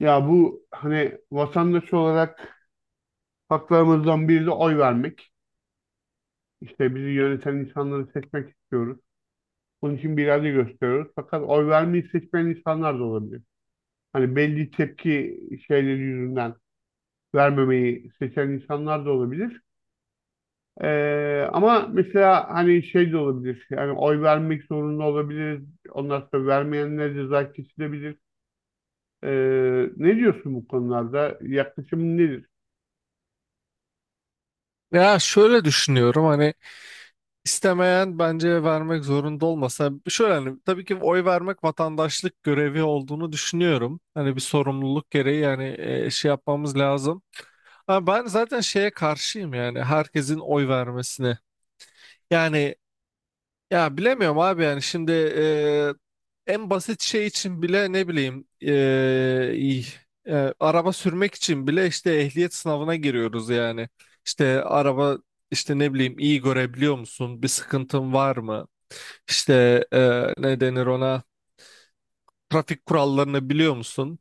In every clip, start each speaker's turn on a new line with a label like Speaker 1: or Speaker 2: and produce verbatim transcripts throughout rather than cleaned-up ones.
Speaker 1: Ya bu hani vatandaş olarak haklarımızdan biri de oy vermek. İşte bizi yöneten insanları seçmek istiyoruz. Bunun için bir irade gösteriyoruz. Fakat oy vermeyi seçmeyen insanlar da olabilir. Hani belli tepki şeyleri yüzünden vermemeyi seçen insanlar da olabilir. Ee, ama mesela hani şey de olabilir. Yani oy vermek zorunda olabilir. Ondan sonra vermeyenlere ceza kesilebilir. Ee, ne diyorsun bu konularda? Yaklaşımın nedir?
Speaker 2: Ya şöyle düşünüyorum hani istemeyen bence vermek zorunda olmasa şöyle hani tabii ki oy vermek vatandaşlık görevi olduğunu düşünüyorum. Hani bir sorumluluk gereği yani e, şey yapmamız lazım. Ama ben zaten şeye karşıyım yani herkesin oy vermesine. Yani ya bilemiyorum abi yani şimdi eee, en basit şey için bile ne bileyim eee, iyi, eee, araba sürmek için bile işte ehliyet sınavına giriyoruz yani. İşte araba işte ne bileyim iyi görebiliyor musun? Bir sıkıntın var mı? İşte eee, ne denir ona? Trafik kurallarını biliyor musun?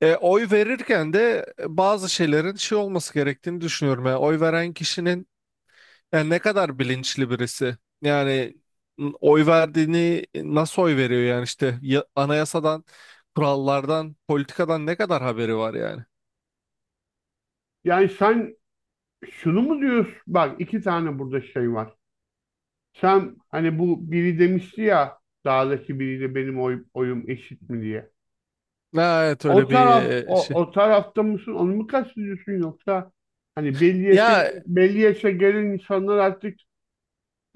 Speaker 2: E, oy verirken de bazı şeylerin şey olması gerektiğini düşünüyorum. Yani oy veren kişinin yani ne kadar bilinçli birisi. Yani n- oy verdiğini nasıl oy veriyor yani işte ya- anayasadan, kurallardan, politikadan ne kadar haberi var yani.
Speaker 1: Yani sen şunu mu diyorsun? Bak iki tane burada şey var. Sen hani bu biri demişti ya dağdaki biriyle benim oy- oyum eşit mi diye.
Speaker 2: Ha, evet
Speaker 1: O
Speaker 2: öyle bir
Speaker 1: taraf
Speaker 2: e, şey.
Speaker 1: o, o tarafta mısın? Onu mu kastediyorsun yoksa hani belli yaşa,
Speaker 2: Ya
Speaker 1: belli yaşa gelen insanlar artık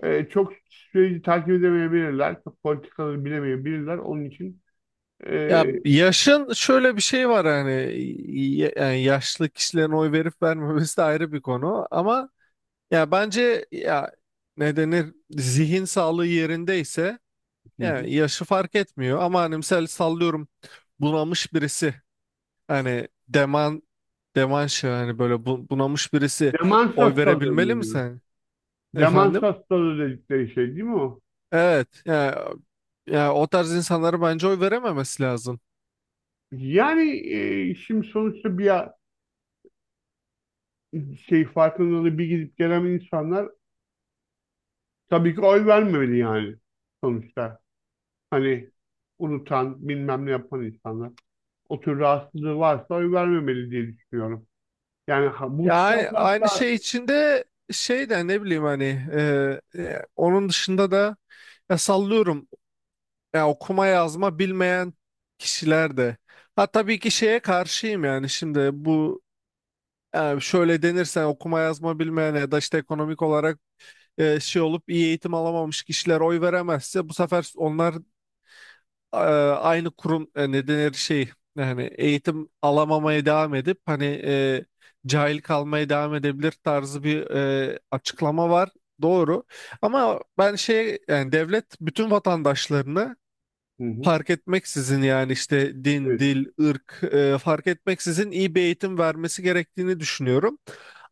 Speaker 1: e, çok süreci takip edemeyebilirler. Çok politikaları bilemeyebilirler. Onun için
Speaker 2: ya
Speaker 1: e,
Speaker 2: yaşın şöyle bir şey var hani y- yani yaşlı kişilerin oy verip vermemesi de ayrı bir konu ama ya bence ya ne denir zihin sağlığı yerindeyse
Speaker 1: Hı hı.
Speaker 2: yani yaşı fark etmiyor ama hani misal sallıyorum bunamış birisi. Hani Deman Deman şey hani böyle bu- bunamış birisi
Speaker 1: Demans
Speaker 2: oy
Speaker 1: hastalığı
Speaker 2: verebilmeli
Speaker 1: mı
Speaker 2: mi
Speaker 1: diyor?
Speaker 2: sen?
Speaker 1: Demans
Speaker 2: Efendim?
Speaker 1: hastalığı dedikleri şey değil mi o?
Speaker 2: Evet. Yani, yani o tarz insanlara bence oy verememesi lazım.
Speaker 1: Yani e, şimdi sonuçta bir şey farkındalığı bir gidip gelen insanlar tabii ki oy vermemeli yani sonuçta. Hani unutan, bilmem ne yapan insanlar. O tür rahatsızlığı varsa oy vermemeli diye düşünüyorum. Yani ha- bu
Speaker 2: Yani aynı
Speaker 1: standartlar...
Speaker 2: şey içinde şey de ne bileyim hani, e, e, onun dışında da ya sallıyorum ya okuma yazma bilmeyen kişiler de. Ha tabii ki şeye karşıyım yani şimdi bu yani şöyle denirsen okuma yazma bilmeyen ya da işte ekonomik olarak e, şey olup iyi eğitim alamamış kişiler oy veremezse bu sefer onlar e, aynı kurum e, ne denir şey yani eğitim alamamaya devam edip hani e, cahil kalmaya devam edebilir tarzı bir e, açıklama var. Doğru. Ama ben şey yani devlet bütün vatandaşlarını
Speaker 1: Hı hı,
Speaker 2: fark etmeksizin yani işte din,
Speaker 1: evet.
Speaker 2: dil, ırk e, fark etmeksizin iyi bir eğitim vermesi gerektiğini düşünüyorum.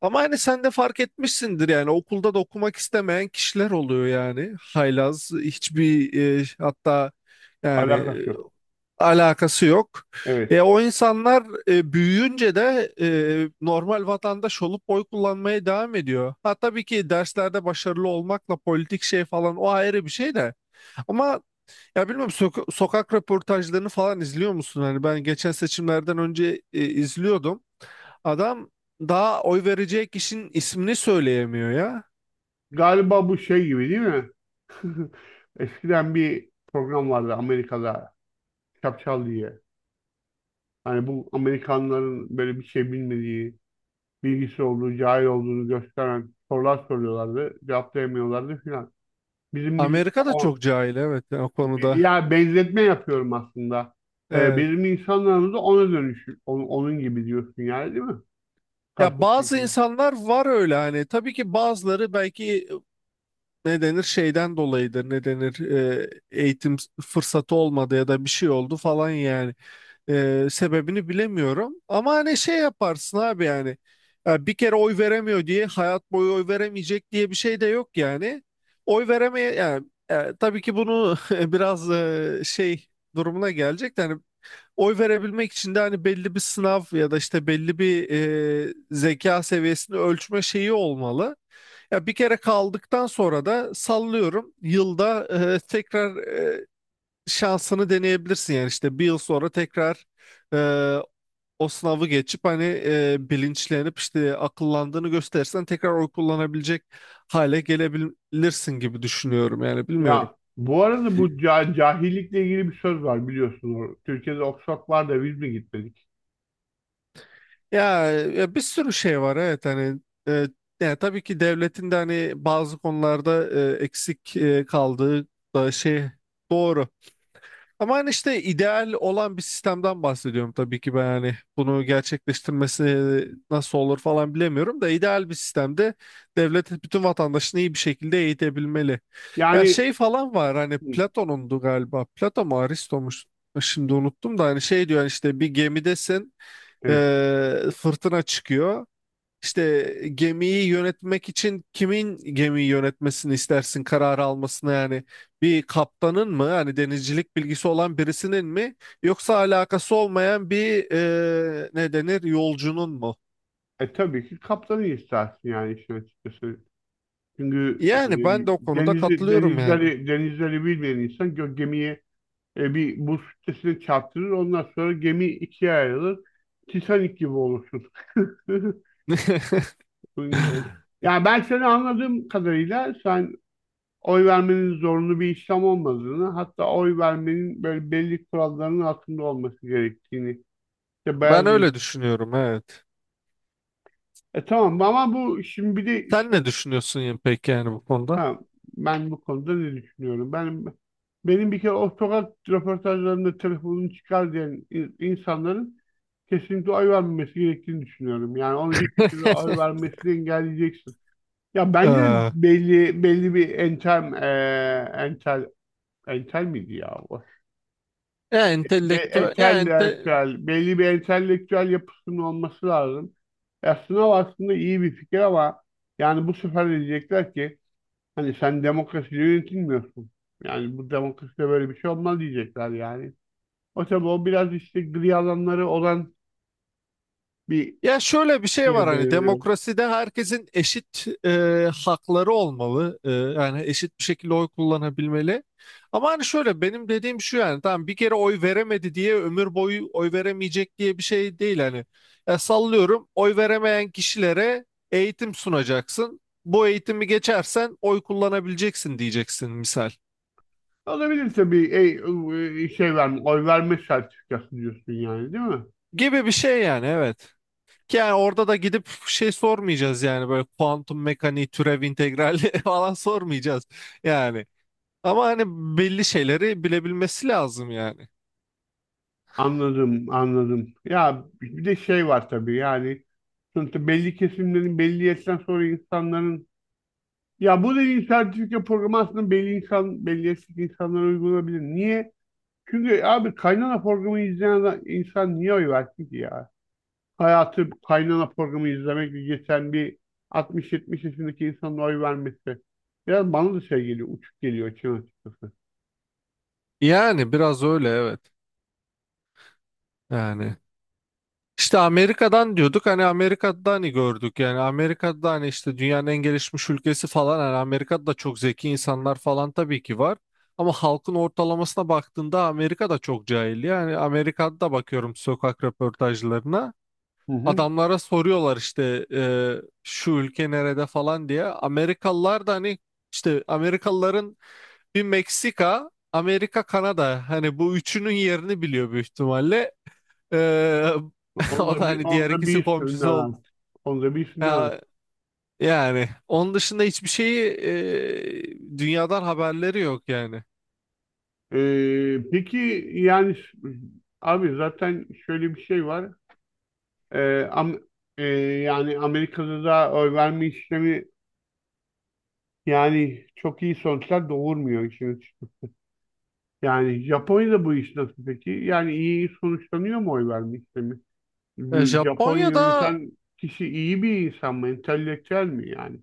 Speaker 2: Ama hani sen de fark etmişsindir yani okulda da okumak istemeyen kişiler oluyor yani. Haylaz hiçbir e, hatta yani
Speaker 1: Alakası
Speaker 2: e,
Speaker 1: yok.
Speaker 2: alakası yok.
Speaker 1: Evet.
Speaker 2: E, o insanlar e, büyüyünce de e, normal vatandaş olup oy kullanmaya devam ediyor. Ha tabii ki derslerde başarılı olmakla politik şey falan o ayrı bir şey de. Ama ya bilmiyorum soka- sokak röportajlarını falan izliyor musun? Hani ben geçen seçimlerden önce e, izliyordum. Adam daha oy verecek kişinin ismini söyleyemiyor ya.
Speaker 1: Galiba bu şey gibi değil mi? Eskiden bir program vardı Amerika'da. Çapçal diye. Hani bu Amerikanların böyle bir şey bilmediği bilgisi olduğu, cahil olduğunu gösteren sorular soruyorlardı. Cevaplayamıyorlardı filan. Bizim millet
Speaker 2: Amerika da
Speaker 1: o,
Speaker 2: çok cahil evet yani o konuda.
Speaker 1: ya benzetme yapıyorum aslında. Ee,
Speaker 2: Evet.
Speaker 1: bizim insanlarımız da ona dönüş, onun, onun gibi diyorsun yani değil mi?
Speaker 2: Ya
Speaker 1: Kastettiğin
Speaker 2: bazı
Speaker 1: şey.
Speaker 2: insanlar var öyle hani tabii ki bazıları belki ne denir şeyden dolayıdır ne denir e, eğitim fırsatı olmadı ya da bir şey oldu falan yani. Ee, sebebini bilemiyorum. Ama hani şey yaparsın abi yani. Ya bir kere oy veremiyor diye hayat boyu oy veremeyecek diye bir şey de yok yani. Oy veremeye yani e, tabii ki bunu biraz e, şey durumuna gelecek. De Hani oy verebilmek için de hani belli bir sınav ya da işte belli bir e, zeka seviyesini ölçme şeyi olmalı. Ya bir kere kaldıktan sonra da sallıyorum yılda e, tekrar şansını deneyebilirsin yani işte bir yıl sonra tekrar e, o sınavı geçip hani e, bilinçlenip işte akıllandığını gösterirsen tekrar oy kullanabilecek hale gelebilirsin gibi düşünüyorum yani bilmiyorum.
Speaker 1: Ya bu arada bu ca- cahillikle ilgili bir söz var biliyorsunuz. Türkiye'de Oxford var da biz mi gitmedik?
Speaker 2: Ya, ya bir sürü şey var evet hani, e, yani tabii ki devletin de hani bazı konularda e, eksik e, kaldığı da şey doğru. Ama hani işte ideal olan bir sistemden bahsediyorum tabii ki ben hani bunu gerçekleştirmesi nasıl olur falan bilemiyorum da ideal bir sistemde devlet bütün vatandaşını iyi bir şekilde eğitebilmeli. Ya
Speaker 1: Yani
Speaker 2: şey falan var hani
Speaker 1: hı,
Speaker 2: Platon'undu galiba, Platon mu Aristo mu şimdi unuttum da hani şey diyor hani işte bir gemidesin,
Speaker 1: evet.
Speaker 2: eee, fırtına çıkıyor. İşte gemiyi yönetmek için kimin gemiyi yönetmesini istersin kararı almasını yani bir kaptanın mı hani denizcilik bilgisi olan birisinin mi yoksa alakası olmayan bir e, ne denir yolcunun mu?
Speaker 1: E, tabii ki kaptanı istersin yani işin açıkçası. Çünkü
Speaker 2: Yani ben de o
Speaker 1: e,
Speaker 2: konuda
Speaker 1: denizi,
Speaker 2: katılıyorum yani.
Speaker 1: denizleri, denizleri bilmeyen insan gö- gemiyi E, bir buz kütlesine çarptırır. Ondan sonra gemi ikiye ayrılır. Titanic gibi olursun. Bunun gibi olur. Yani ben seni anladığım kadarıyla sen oy vermenin zorunlu bir işlem olmadığını, hatta oy vermenin böyle belli kuralların altında olması gerektiğini. İşte
Speaker 2: Ben
Speaker 1: beyaz bir-
Speaker 2: öyle düşünüyorum evet.
Speaker 1: E tamam ama bu şimdi bir de.
Speaker 2: Sen ne düşünüyorsun ya peki yani bu konuda?
Speaker 1: Ha, ben bu konuda ne düşünüyorum? Ben benim bir kere o sokak röportajlarında telefonunu çıkar diyen in- insanların kesinlikle oy vermemesi gerektiğini düşünüyorum. Yani onu bir şekilde oy vermesini engelleyeceksin. Ya bence de
Speaker 2: Ee,
Speaker 1: belli belli bir entel eee entel entel miydi ya? O,
Speaker 2: ya
Speaker 1: be,
Speaker 2: entelektüel, ya.
Speaker 1: entelektüel, belli bir entelektüel yapısının olması lazım. Aslında o aslında iyi bir fikir ama yani bu sefer de diyecekler ki hani sen demokrasi yönetilmiyorsun. Yani bu demokraside böyle bir şey olmaz diyecekler yani. O tabii o biraz işte gri alanları olan bir
Speaker 2: Ya şöyle bir şey var
Speaker 1: şeye
Speaker 2: hani
Speaker 1: benziyor.
Speaker 2: demokraside herkesin eşit e, hakları olmalı. E, yani eşit bir şekilde oy kullanabilmeli. Ama hani şöyle benim dediğim şu yani tamam bir kere oy veremedi diye ömür boyu oy veremeyecek diye bir şey değil hani. Ya sallıyorum oy veremeyen kişilere eğitim sunacaksın. Bu eğitimi geçersen oy kullanabileceksin diyeceksin misal.
Speaker 1: Olabilirse bir ey- e, şey verme, oy verme sertifikası diyorsun yani değil mi?
Speaker 2: Gibi bir şey yani evet. Yani orada da gidip şey sormayacağız yani böyle kuantum mekaniği, türev integrali falan sormayacağız yani. Ama hani belli şeyleri bilebilmesi lazım yani.
Speaker 1: Anladım, anladım. Ya bir de şey var tabii yani sonuçta belli kesimlerin belli yaştan sonra insanların ya bu dediğin sertifika programı aslında belli insan belli yaştaki insanlara uygulanabilir. Niye? Çünkü abi kaynana programı izleyen insan niye oy versin ki ya? Hayatı kaynana programı izlemekle geçen bir altmış yetmiş yaşındaki insanın oy vermesi. Biraz bana da şey geliyor, uçuk geliyor için açıkçası.
Speaker 2: Yani biraz öyle evet. Yani işte Amerika'dan diyorduk hani Amerika'da hani gördük yani Amerika'da hani işte dünyanın en gelişmiş ülkesi falan hani Amerika'da da çok zeki insanlar falan tabii ki var. Ama halkın ortalamasına baktığında Amerika'da çok cahil. Yani Amerika'da da bakıyorum sokak röportajlarına.
Speaker 1: Hı hı.
Speaker 2: Adamlara soruyorlar işte e, şu ülke nerede falan diye. Amerikalılar da hani işte Amerikalıların bir Meksika, Amerika, Kanada hani bu üçünün yerini biliyor büyük ihtimalle. E,
Speaker 1: Onu
Speaker 2: o da
Speaker 1: da bir,
Speaker 2: hani
Speaker 1: onu
Speaker 2: diğer
Speaker 1: da
Speaker 2: ikisi
Speaker 1: bilsinler
Speaker 2: komşusu oldu.
Speaker 1: artık. Onu da bilsinler artık.
Speaker 2: Ya, yani onun dışında hiçbir şeyi e, dünyadan haberleri yok yani.
Speaker 1: Ee, peki yani s- abi zaten şöyle bir şey var. Ee, am, e, Yani Amerika'da da oy verme işlemi yani çok iyi sonuçlar doğurmuyor için. Yani Japonya'da bu iş nasıl peki? Yani iyi sonuçlanıyor mu oy verme işlemi?
Speaker 2: E,
Speaker 1: Bu Japonya
Speaker 2: Japonya'da
Speaker 1: yöneten kişi iyi bir insan mı? Entelektüel mi yani?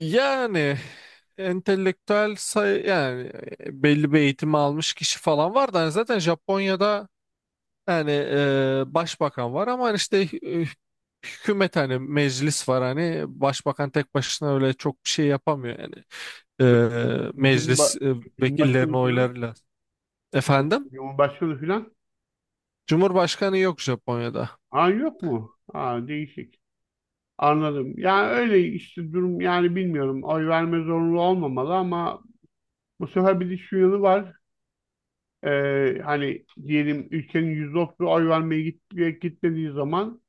Speaker 2: yani entelektüel sayı yani e, belli bir eğitim almış kişi falan var da hani zaten Japonya'da yani e, başbakan var ama işte hü- hükümet hani meclis var hani başbakan tek başına öyle çok bir şey yapamıyor yani. E, meclis
Speaker 1: Cumba,
Speaker 2: e, vekillerin
Speaker 1: Cumhurbaşkanı falan?
Speaker 2: oylarıyla. Efendim?
Speaker 1: Cumhurbaşkanı falan?
Speaker 2: Cumhurbaşkanı yok Japonya'da.
Speaker 1: Aa yok mu? Aa değişik. Anladım. Yani öyle işte durum yani bilmiyorum. Oy verme zorunlu olmamalı ama bu sefer bir de şu yanı var. Ee, hani diyelim ülkenin yüzde otuzu oy vermeye git, gitmediği zaman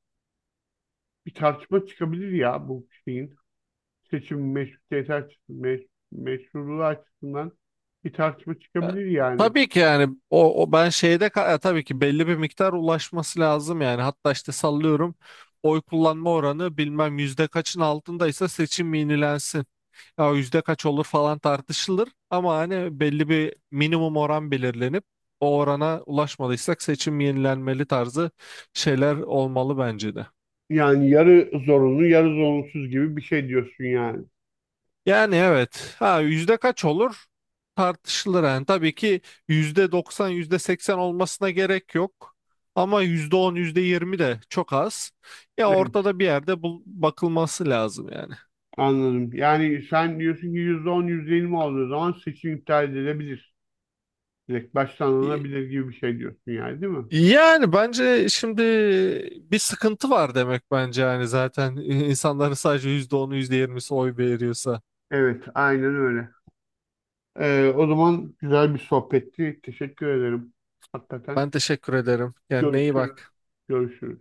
Speaker 1: bir tartışma çıkabilir ya bu şeyin. Seçim meşrutiyeti açısından, meşruluğu açısından bir tartışma çıkabilir yani.
Speaker 2: Tabii ki yani o, o ben şeyde ka- e, tabii ki belli bir miktar ulaşması lazım yani hatta işte sallıyorum oy kullanma oranı bilmem yüzde kaçın altındaysa seçim yenilensin. Ya yüzde kaç olur falan tartışılır ama hani belli bir minimum oran belirlenip o orana ulaşmadıysak seçim yenilenmeli tarzı şeyler olmalı bence de.
Speaker 1: Yani yarı zorunlu, yarı zorunsuz gibi bir şey diyorsun yani.
Speaker 2: Yani evet. Ha yüzde kaç olur? Tartışılır yani. Tabii ki yüzde doksan, yüzde seksen olmasına gerek yok. Ama yüzde on, yüzde yirmi de çok az. Ya
Speaker 1: Evet,
Speaker 2: ortada bir yerde bul- bakılması lazım yani.
Speaker 1: anladım. Yani sen diyorsun ki yüzde on, yüzde %20 olduğu zaman seçim iptal edilebilir. Direkt baştan
Speaker 2: Y-
Speaker 1: alınabilir gibi bir şey diyorsun yani değil mi?
Speaker 2: Yani bence şimdi bir sıkıntı var demek bence yani zaten insanların sadece yüzde onu, yüzde yirmisi oy veriyorsa.
Speaker 1: Evet, aynen öyle. Ee, o zaman güzel bir sohbetti. Teşekkür ederim. Hakikaten
Speaker 2: Ben teşekkür ederim. Yani neyi
Speaker 1: görüşürüz.
Speaker 2: bak.
Speaker 1: Görüşürüz.